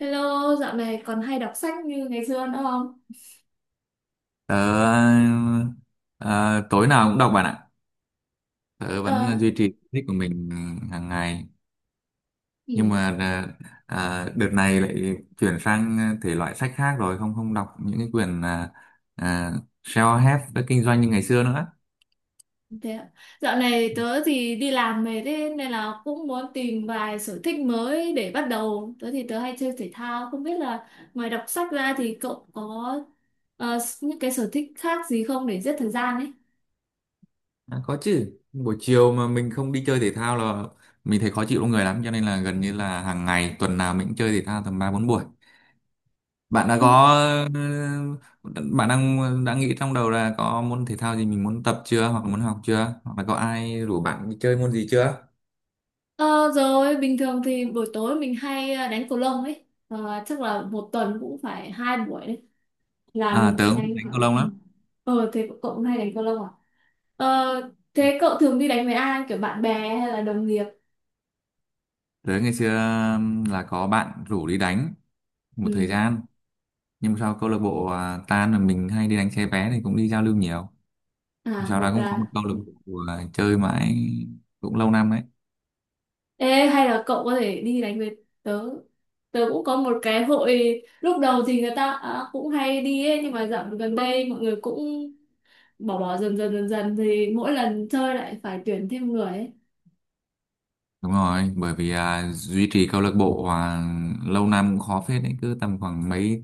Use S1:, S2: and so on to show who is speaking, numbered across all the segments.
S1: Hello, dạo này còn hay đọc sách như ngày xưa nữa không?
S2: Tớ ờ, tối nào cũng đọc bạn ạ. Tớ vẫn
S1: Ờ,
S2: duy trì thích của mình hàng ngày. Nhưng
S1: ừ,
S2: mà đợt này lại chuyển sang thể loại sách khác rồi, không không đọc những cái quyển self-help đã kinh doanh như ngày xưa nữa.
S1: thế ạ. Dạo này tớ thì đi làm về thế nên là cũng muốn tìm vài sở thích mới để bắt đầu. Tớ hay chơi thể thao, không biết là ngoài đọc sách ra thì cậu có những cái sở thích khác gì không để giết thời gian ấy?
S2: À, có chứ. Buổi chiều mà mình không đi chơi thể thao là mình thấy khó chịu trong người lắm, cho nên là gần như là hàng ngày tuần nào mình cũng chơi thể thao tầm 3 4 buổi. bạn đã
S1: Ồ,
S2: có bạn đã nghĩ trong đầu là có môn thể thao gì mình muốn tập chưa, hoặc là muốn học chưa, hoặc là có ai rủ bạn đi chơi môn gì chưa?
S1: ờ, rồi, bình thường thì buổi tối mình hay đánh cầu lông ấy. Ờ, chắc là một tuần cũng phải hai buổi đấy. Là
S2: À,
S1: mình
S2: tớ
S1: sẽ
S2: cũng thích
S1: đánh...
S2: đánh cầu lông lắm.
S1: Ờ, thế cậu cũng hay đánh cầu lông à? Ờ, thế cậu thường đi đánh với ai, kiểu bạn bè hay là đồng nghiệp?
S2: Tớ ngày xưa là có bạn rủ đi đánh một thời
S1: Ừ,
S2: gian. Nhưng mà sau câu lạc bộ à, tan là mình hay đi đánh xe vé thì cũng đi giao lưu nhiều.
S1: à
S2: Sau đó
S1: gọi
S2: cũng có một
S1: là,
S2: câu lạc bộ à, chơi mãi cũng lâu năm đấy.
S1: ê, hay là cậu có thể đi đánh với tớ. Tớ cũng có một cái hội, lúc đầu thì người ta cũng hay đi ấy, nhưng mà dạo gần đây mọi người cũng bỏ bỏ dần dần thì mỗi lần chơi lại phải tuyển thêm người ấy.
S2: Đúng rồi, bởi vì à, duy trì câu lạc bộ à, lâu năm cũng khó phết đấy, cứ tầm khoảng mấy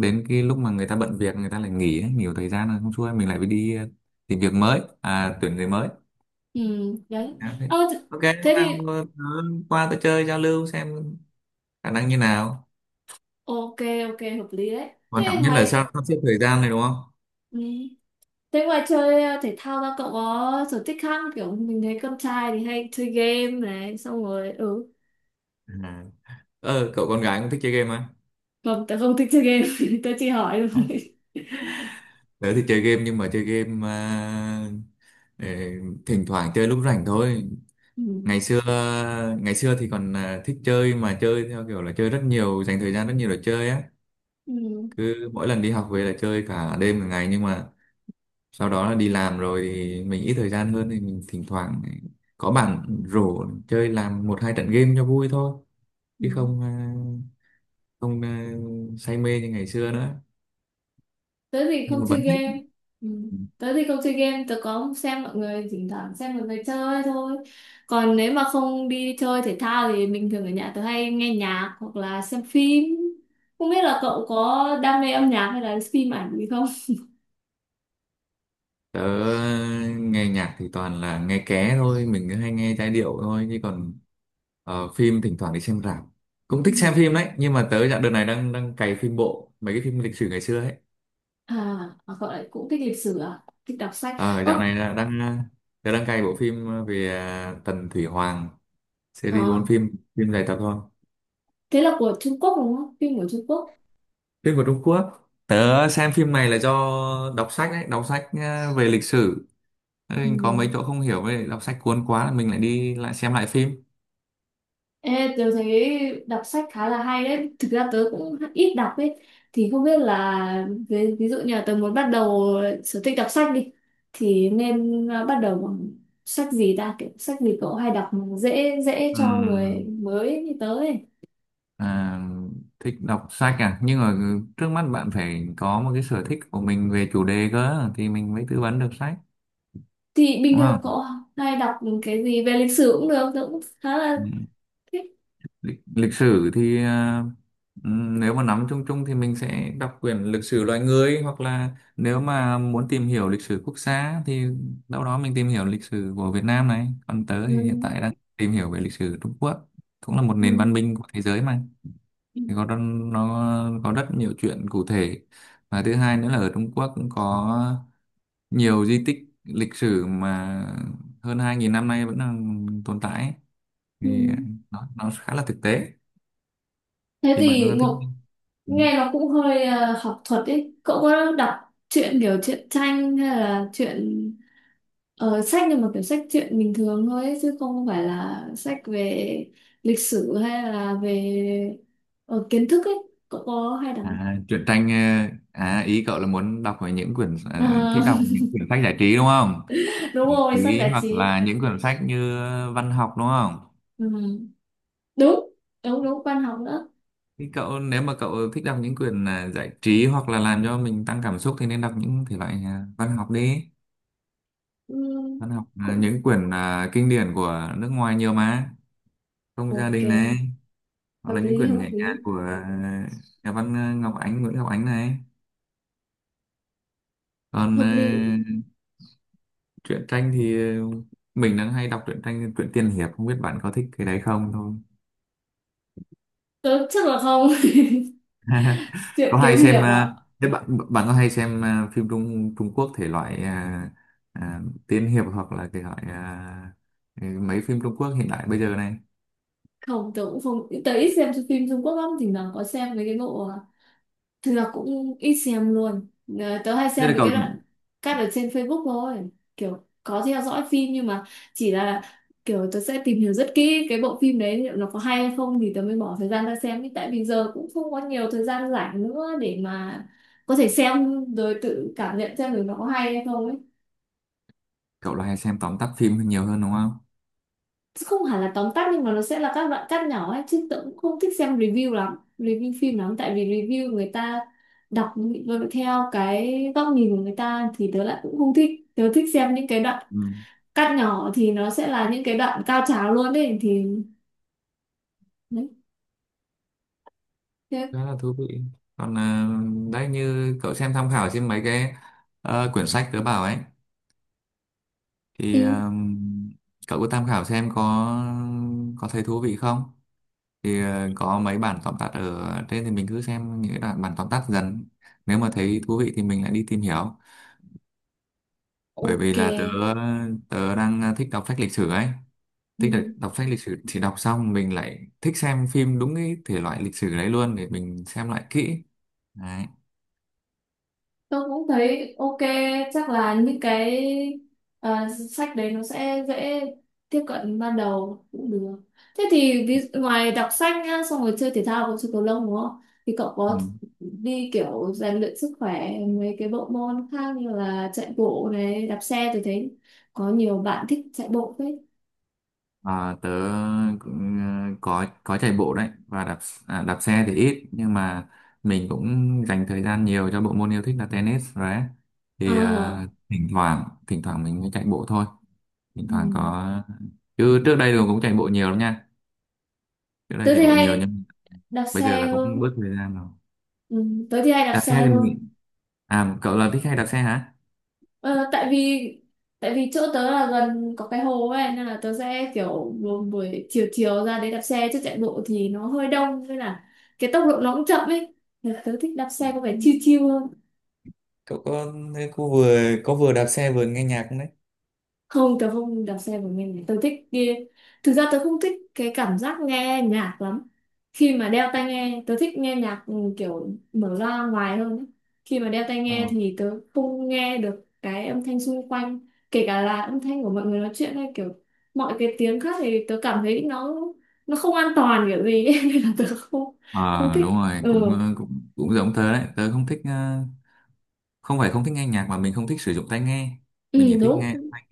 S2: đến cái lúc mà người ta bận việc người ta lại nghỉ ấy, nhiều thời gian là không xuôi mình lại phải đi à, tìm việc mới, à tuyển người mới.
S1: Ừ, đấy.
S2: À, thế.
S1: Ờ,
S2: Ok, hôm
S1: thế
S2: nào
S1: thì
S2: qua tôi chơi giao lưu xem khả năng như nào.
S1: ok, ok hợp lý đấy.
S2: Quan
S1: Thế
S2: trọng nhất là
S1: ngoài,
S2: sao sắp xếp thời gian này đúng không?
S1: ừ, thế ngoài chơi thể thao ra cậu có sở thích khác không? Kiểu mình thấy con trai thì hay chơi game này, xong rồi ừ.
S2: À. Ờ, cậu con gái cũng thích chơi game à?
S1: Không, tớ không thích chơi game. Tớ chỉ hỏi
S2: Hả?
S1: thôi.
S2: Tớ thì chơi game nhưng mà chơi game à, ờ, thỉnh thoảng chơi lúc rảnh thôi.
S1: Ừ.
S2: ngày xưa ngày xưa thì còn à, thích chơi, mà chơi theo kiểu là chơi rất nhiều, dành thời gian rất nhiều để chơi á,
S1: Ừ.
S2: cứ mỗi lần đi học về là chơi cả đêm cả ngày. Nhưng mà sau đó là đi làm rồi thì mình ít thời gian hơn, thì mình thỉnh thoảng có bạn rủ chơi làm một hai trận game cho vui thôi,
S1: Ừ.
S2: chứ không à, không à, say mê như ngày xưa nữa,
S1: Tớ thì không
S2: nhưng mà
S1: chơi
S2: vẫn thích.
S1: game. Ừ. Tớ thì không chơi game, tớ có xem mọi người, thỉnh thoảng xem mọi người chơi thôi. Còn nếu mà không đi chơi thể thao thì mình thường ở nhà tớ hay nghe nhạc hoặc là xem phim. Không biết là cậu có đam mê âm nhạc hay là phim ảnh gì không?
S2: Tớ nghe nhạc thì toàn là nghe ké thôi, mình cứ hay nghe giai điệu thôi, chứ còn phim thỉnh thoảng đi xem rạp. Cũng thích xem
S1: Ừ.
S2: phim đấy, nhưng mà tớ dạo đợt này đang đang cày phim bộ, mấy cái phim lịch sử ngày xưa ấy.
S1: À, à, gọi là cũng thích lịch sử à? Thích đọc sách.
S2: Ờ
S1: Ơ,
S2: dạo này là tớ đang cày bộ phim về à, Tần Thủy Hoàng, series
S1: ờ,
S2: 4 phim, phim dài tập thôi.
S1: thế là của Trung Quốc đúng không? Phim của Trung Quốc.
S2: Phim của Trung Quốc. Tớ xem phim này là do đọc sách đấy, đọc sách à, về lịch sử. Thế
S1: Ừ.
S2: nên có mấy chỗ không hiểu, với lại đọc sách cuốn quá là mình lại đi lại xem lại phim.
S1: Ê, tớ thấy đọc sách khá là hay đấy. Thực ra tớ cũng ít đọc ấy. Thì không biết là ví dụ như là tớ muốn bắt đầu sở thích đọc sách đi. Thì nên bắt đầu bằng sách gì ta? Kiểu sách gì cậu hay đọc mà dễ dễ
S2: Ừ.
S1: cho người mới như tớ ấy.
S2: À, thích đọc sách à, nhưng mà trước mắt bạn phải có một cái sở thích của mình về chủ đề cơ, thì mình mới tư vấn được sách,
S1: Thì bình
S2: đúng
S1: thường
S2: không?
S1: cậu hay đọc cái gì về lịch sử cũng được. Tớ cũng khá là
S2: Ừ.
S1: thích.
S2: Lịch sử thì à, ừ, nếu mà nắm chung chung thì mình sẽ đọc quyển lịch sử loài người, hoặc là nếu mà muốn tìm hiểu lịch sử quốc gia thì đâu đó mình tìm hiểu lịch sử của Việt Nam này, còn tớ
S1: Ừ.
S2: thì hiện tại đang tìm hiểu về lịch sử Trung Quốc, cũng là một
S1: Ừ.
S2: nền văn minh của thế giới mà. Thì có nó có rất nhiều chuyện cụ thể, và thứ hai nữa là ở Trung Quốc cũng có nhiều di tích lịch sử mà hơn 2.000 năm nay vẫn đang tồn tại ấy.
S1: Ừ.
S2: Thì nó khá là thực tế.
S1: Thế
S2: Thì bạn
S1: thì
S2: có thích?
S1: Ngọc
S2: Ừ.
S1: nghe nó cũng hơi học thuật ấy. Cậu có đọc truyện, kiểu truyện tranh hay là truyện, sách nhưng mà kiểu sách truyện bình thường thôi ấy, chứ không phải là sách về lịch sử hay là về kiến thức ấy. Cậu có hay đọc?
S2: À, truyện tranh à, ý cậu là muốn đọc về những quyển
S1: Ờ,
S2: thích đọc những quyển sách giải trí đúng không?
S1: đúng
S2: Giải
S1: rồi, sách
S2: trí,
S1: giải
S2: hoặc
S1: trí.
S2: là những quyển sách như văn học đúng không?
S1: Ừ. Đúng, đúng, đúng, văn học nữa.
S2: Thì cậu, nếu mà cậu thích đọc những quyển à, giải trí hoặc là làm cho mình tăng cảm xúc, thì nên đọc những thể loại à, văn học đi.
S1: Ừ.
S2: Văn học là
S1: Cũng
S2: những quyển à, kinh điển của nước ngoài nhiều mà, Không gia
S1: ok,
S2: đình này, hoặc
S1: hợp
S2: là những
S1: lý,
S2: quyển
S1: hợp
S2: nhẹ nhàng
S1: lý,
S2: của à, nhà văn à, Ngọc Ánh, Nguyễn Ngọc Ánh này. Còn
S1: hợp
S2: à,
S1: lý.
S2: truyện tranh thì à, mình đang hay đọc truyện tranh, truyện tiên hiệp, không biết bạn có thích cái đấy không thôi.
S1: Tớ chắc là không. Chuyện
S2: Có hay
S1: kiếm
S2: xem
S1: hiệp ạ.
S2: à, thế bạn bạn có hay xem à, phim Trung Trung Quốc thể loại à, à, tiên hiệp hoặc là thể loại à, mấy phim Trung Quốc hiện đại bây giờ này?
S1: Không, tớ cũng không, tớ ít xem phim Trung Quốc lắm, thỉnh thoảng có xem mấy cái bộ thực ra cũng ít xem luôn. Ờ, tớ hay
S2: Thế là
S1: xem mấy
S2: cậu
S1: cái đoạn cắt ở trên Facebook thôi, kiểu có theo dõi phim nhưng mà chỉ là kiểu tớ sẽ tìm hiểu rất kỹ cái bộ phim đấy liệu nó có hay hay không thì tớ mới bỏ thời gian ra xem ý, tại vì giờ cũng không có nhiều thời gian rảnh nữa để mà có thể xem rồi tự cảm nhận xem được nó có hay hay không ấy.
S2: cậu là hay xem tóm tắt phim nhiều hơn đúng không?
S1: Không hẳn là tóm tắt nhưng mà nó sẽ là các đoạn cắt nhỏ ấy, chứ tớ cũng không thích xem review lắm, review phim lắm, tại vì review người ta đọc theo cái góc nhìn của người ta thì tớ lại cũng không thích, tớ thích xem những cái đoạn
S2: Ừ.
S1: cắt nhỏ thì nó sẽ là những cái đoạn cao trào luôn đấy thì đấy thế.
S2: Khá là thú vị. Còn à, đấy như cậu xem tham khảo trên mấy cái quyển sách tớ bảo ấy, thì
S1: Ừ,
S2: à, cậu có tham khảo xem có thấy thú vị không. Thì có mấy bản tóm tắt ở trên, thì mình cứ xem những cái đoạn bản tóm tắt dần, nếu mà thấy thú vị thì mình lại đi tìm hiểu. Bởi vì
S1: ok.
S2: là tớ tớ đang thích đọc sách lịch sử ấy, thích đọc,
S1: Ừ.
S2: đọc sách lịch sử, thì đọc xong mình lại thích xem phim đúng cái thể loại lịch sử đấy luôn, để mình xem lại kỹ đấy.
S1: Tôi cũng thấy ok, chắc là những cái ờ, sách đấy nó sẽ dễ tiếp cận ban đầu cũng được. Thế thì ngoài đọc sách nhá xong rồi chơi thể thao cũng chơi cầu lông đúng không, thì cậu
S2: Ừ.
S1: có đi kiểu rèn luyện sức khỏe mấy cái bộ môn khác như là chạy bộ này, đạp xe, tôi thấy có nhiều bạn thích chạy bộ phết.
S2: À, tớ cũng có chạy bộ đấy, và đạp xe thì ít, nhưng mà mình cũng dành thời gian nhiều cho bộ môn yêu thích là tennis rồi đấy. Thì
S1: À,
S2: thỉnh thoảng mình mới chạy bộ thôi, thỉnh
S1: ừ.
S2: thoảng có. Chứ trước đây rồi cũng chạy bộ nhiều lắm nha, trước đây
S1: Tớ
S2: chạy
S1: thì
S2: bộ nhiều
S1: hay
S2: nhưng
S1: đạp
S2: bây giờ
S1: xe
S2: là cũng
S1: hơn.
S2: bớt thời gian rồi.
S1: Ừ. Tớ thì hay đạp
S2: Đạp
S1: xe
S2: xe thì
S1: hơn.
S2: mình, à, cậu là thích hay đạp xe hả?
S1: Ờ, tại vì, tại vì chỗ tớ là gần có cái hồ ấy nên là tớ sẽ kiểu buổi buổi chiều chiều ra đấy đạp xe, chứ chạy bộ thì nó hơi đông nên là cái tốc độ nó cũng chậm ấy. Nên tớ thích đạp xe có vẻ chill chill hơn.
S2: Cậu có vừa đạp xe vừa nghe nhạc không đấy?
S1: Không, tớ không đạp xe của mình, tớ thích đi, thực ra tớ không thích cái cảm giác nghe nhạc lắm khi mà đeo tai nghe. Tớ thích nghe nhạc ừ, kiểu mở ra ngoài hơn ấy. Khi mà đeo tai
S2: Ờ.
S1: nghe thì tớ không nghe được cái âm thanh xung quanh, kể cả là âm thanh của mọi người nói chuyện hay kiểu mọi cái tiếng khác, thì tớ cảm thấy nó không an toàn kiểu gì ấy. Nên là tớ không
S2: Ờ,
S1: không
S2: đúng
S1: thích
S2: rồi, cũng
S1: ừ.
S2: ờ, cũng cũng giống tớ đấy, tớ không thích không phải không thích nghe nhạc, mà mình không thích sử dụng tai nghe. Mình
S1: Ừ
S2: chỉ thích nghe
S1: đúng,
S2: thanh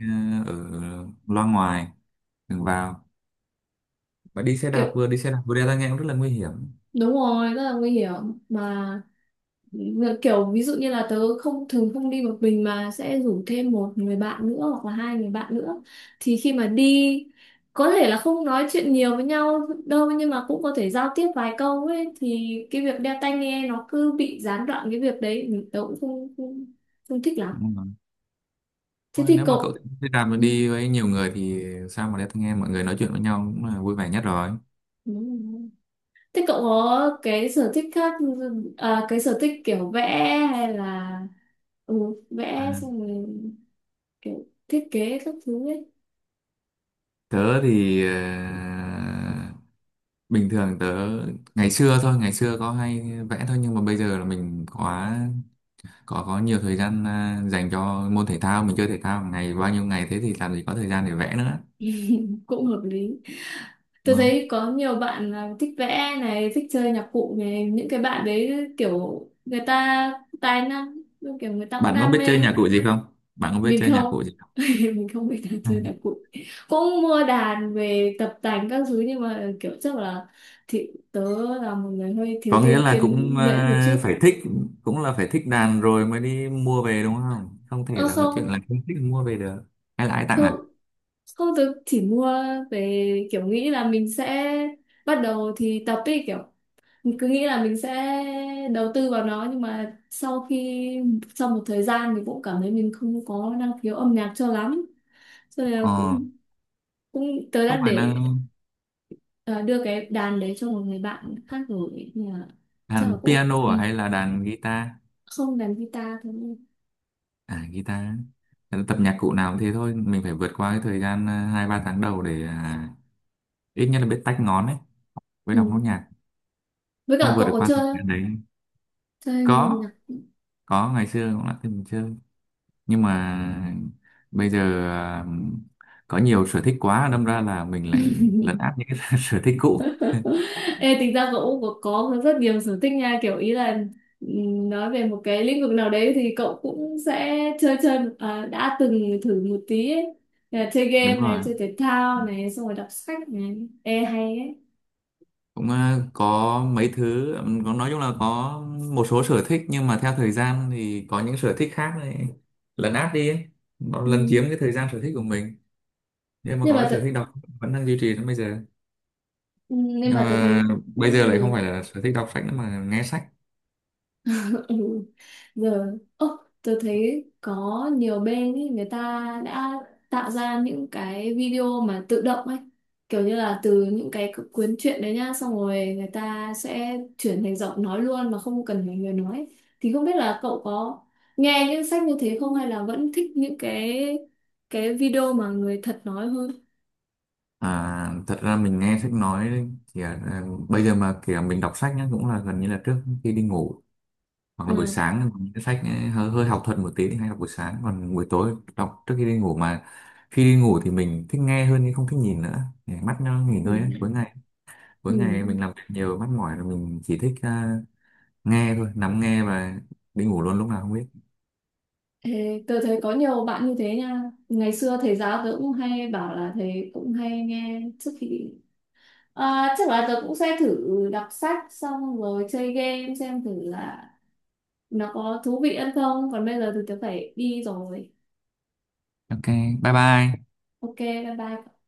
S2: ở loa ngoài, đừng vào. Và đi xe đạp
S1: kiểu
S2: vừa đi xe đạp vừa đeo tai nghe cũng rất là nguy hiểm.
S1: đúng rồi, rất là nguy hiểm mà, kiểu ví dụ như là tớ không, thường không đi một mình mà sẽ rủ thêm một người bạn nữa hoặc là hai người bạn nữa, thì khi mà đi có thể là không nói chuyện nhiều với nhau đâu, nhưng mà cũng có thể giao tiếp vài câu ấy, thì cái việc đeo tai nghe nó cứ bị gián đoạn cái việc đấy thì tớ cũng không không, không thích lắm.
S2: Đúng rồi.
S1: Thế
S2: Thôi,
S1: thì
S2: nếu mà cậu
S1: cậu,
S2: thích xe đạp mà
S1: ừ,
S2: đi với nhiều người, thì sao mà đeo tai nghe, mọi người nói chuyện với nhau cũng là vui vẻ nhất rồi.
S1: đúng rồi. Thế cậu có cái sở thích khác, cái sở thích kiểu vẽ hay là ừ, vẽ
S2: À,
S1: xong rồi kiểu thiết kế các thứ ấy.
S2: tớ thì bình thường tớ ngày xưa thôi, ngày xưa có hay vẽ thôi, nhưng mà bây giờ là mình có nhiều thời gian dành cho môn thể thao, mình chơi thể thao ngày bao nhiêu ngày thế thì làm gì có thời gian để vẽ nữa.
S1: Cũng hợp lý. Tôi thấy có nhiều bạn là thích vẽ này, thích chơi nhạc cụ này, những cái bạn đấy kiểu người ta tài năng, kiểu người ta cũng
S2: Bạn có
S1: đam
S2: biết chơi
S1: mê.
S2: nhạc cụ gì không? Bạn có biết
S1: Mình
S2: chơi nhạc cụ
S1: không,
S2: gì không?
S1: mình không biết là
S2: Ừ.
S1: chơi nhạc cụ, cũng mua đàn về tập tành các thứ nhưng mà kiểu chắc là thì tớ là một người hơi thiếu
S2: Có nghĩa
S1: tiên
S2: là
S1: kiên
S2: cũng
S1: nhẫn một chút.
S2: phải thích, cũng là phải thích đàn rồi mới đi mua về đúng không? Không thể
S1: Ơ
S2: là có
S1: không,
S2: chuyện là không thích mua về được. Hay là ai tặng
S1: không,
S2: à?
S1: không, tớ chỉ mua về kiểu nghĩ là mình sẽ bắt đầu thì tập ấy, kiểu mình cứ nghĩ là mình sẽ đầu tư vào nó, nhưng mà sau khi, sau một thời gian mình cũng cảm thấy mình không có năng khiếu âm nhạc cho lắm, cho nên là
S2: Ờ,
S1: cũng, cũng tớ đã
S2: không phải là
S1: để ờ, đưa cái đàn đấy cho một người bạn khác rồi. Nhưng mà chắc là
S2: đàn
S1: cũng
S2: piano
S1: ừ,
S2: à, hay là đàn guitar?
S1: không, đàn guitar thôi.
S2: À, guitar. Ờ, tập nhạc cụ nào cũng thế thôi, mình phải vượt qua cái thời gian 2 3 tháng đầu để à, ít nhất là biết tách ngón ấy, với
S1: Ừ.
S2: đọc nốt nhạc.
S1: Với
S2: Không
S1: cả
S2: vượt
S1: cậu
S2: được
S1: có
S2: qua
S1: chơi
S2: thời
S1: không?
S2: gian đấy.
S1: Chơi
S2: Có,
S1: nhạc.
S2: có ngày xưa cũng đã từng chơi. Nhưng mà bây giờ à, có nhiều sở thích quá, đâm ra là mình lại lấn át những cái sở thích cũ.
S1: Ê, tính ra cậu cũng có rất nhiều sở thích nha, kiểu ý là nói về một cái lĩnh vực nào đấy thì cậu cũng sẽ chơi chơi đã từng thử một tí ấy. Là chơi
S2: Đúng
S1: game này,
S2: rồi,
S1: chơi thể thao này, xong rồi đọc sách này. Ê hay ấy.
S2: cũng à, có mấy thứ có, nói chung là có một số sở thích, nhưng mà theo thời gian thì có những sở thích khác này lấn át đi ấy, nó
S1: Ừ.
S2: lấn chiếm cái thời gian sở thích của mình. Nhưng mà
S1: nhưng
S2: có
S1: mà
S2: cái
S1: tớ,
S2: sở thích đọc vẫn đang duy trì đến bây giờ.
S1: ừ, nhưng
S2: Nhưng
S1: mà tớ
S2: mà
S1: thấy
S2: bây giờ
S1: cũng
S2: lại không
S1: được.
S2: phải là sở thích đọc sách nữa, mà nghe sách.
S1: Giờ ơ, tôi thấy có nhiều bên ý, người ta đã tạo ra những cái video mà tự động ấy, kiểu như là từ những cái cuốn truyện đấy nhá xong rồi người ta sẽ chuyển thành giọng nói luôn mà không cần phải người nói. Thì không biết là cậu có nghe những sách như thế không, hay là vẫn thích những cái video mà người thật nói hơn.
S2: À, thật ra mình nghe sách nói thì à, bây giờ mà kiểu mình đọc sách nhá cũng là gần như là trước khi đi ngủ, hoặc là buổi
S1: Ừ.
S2: sáng. Những cái sách ấy, hơi học thuật một tí thì hay đọc buổi sáng, còn buổi tối đọc trước khi đi ngủ. Mà khi đi ngủ thì mình thích nghe hơn, nhưng không thích nhìn nữa, để mắt nó nghỉ
S1: Ừ.
S2: ngơi ấy. Cuối ngày cuối
S1: Ừ.
S2: ngày mình làm việc nhiều mắt mỏi rồi, mình chỉ thích à, nghe thôi, nắm nghe và đi ngủ luôn lúc nào không biết.
S1: Ê, tôi thấy có nhiều bạn như thế nha, ngày xưa thầy giáo tôi cũng hay bảo là thầy cũng hay nghe trước khi. À, chắc là tớ cũng sẽ thử đọc sách xong rồi chơi game xem thử là nó có thú vị hơn không. Còn bây giờ thì tớ phải đi rồi.
S2: Ok. Bye bye.
S1: Ok, bye bye.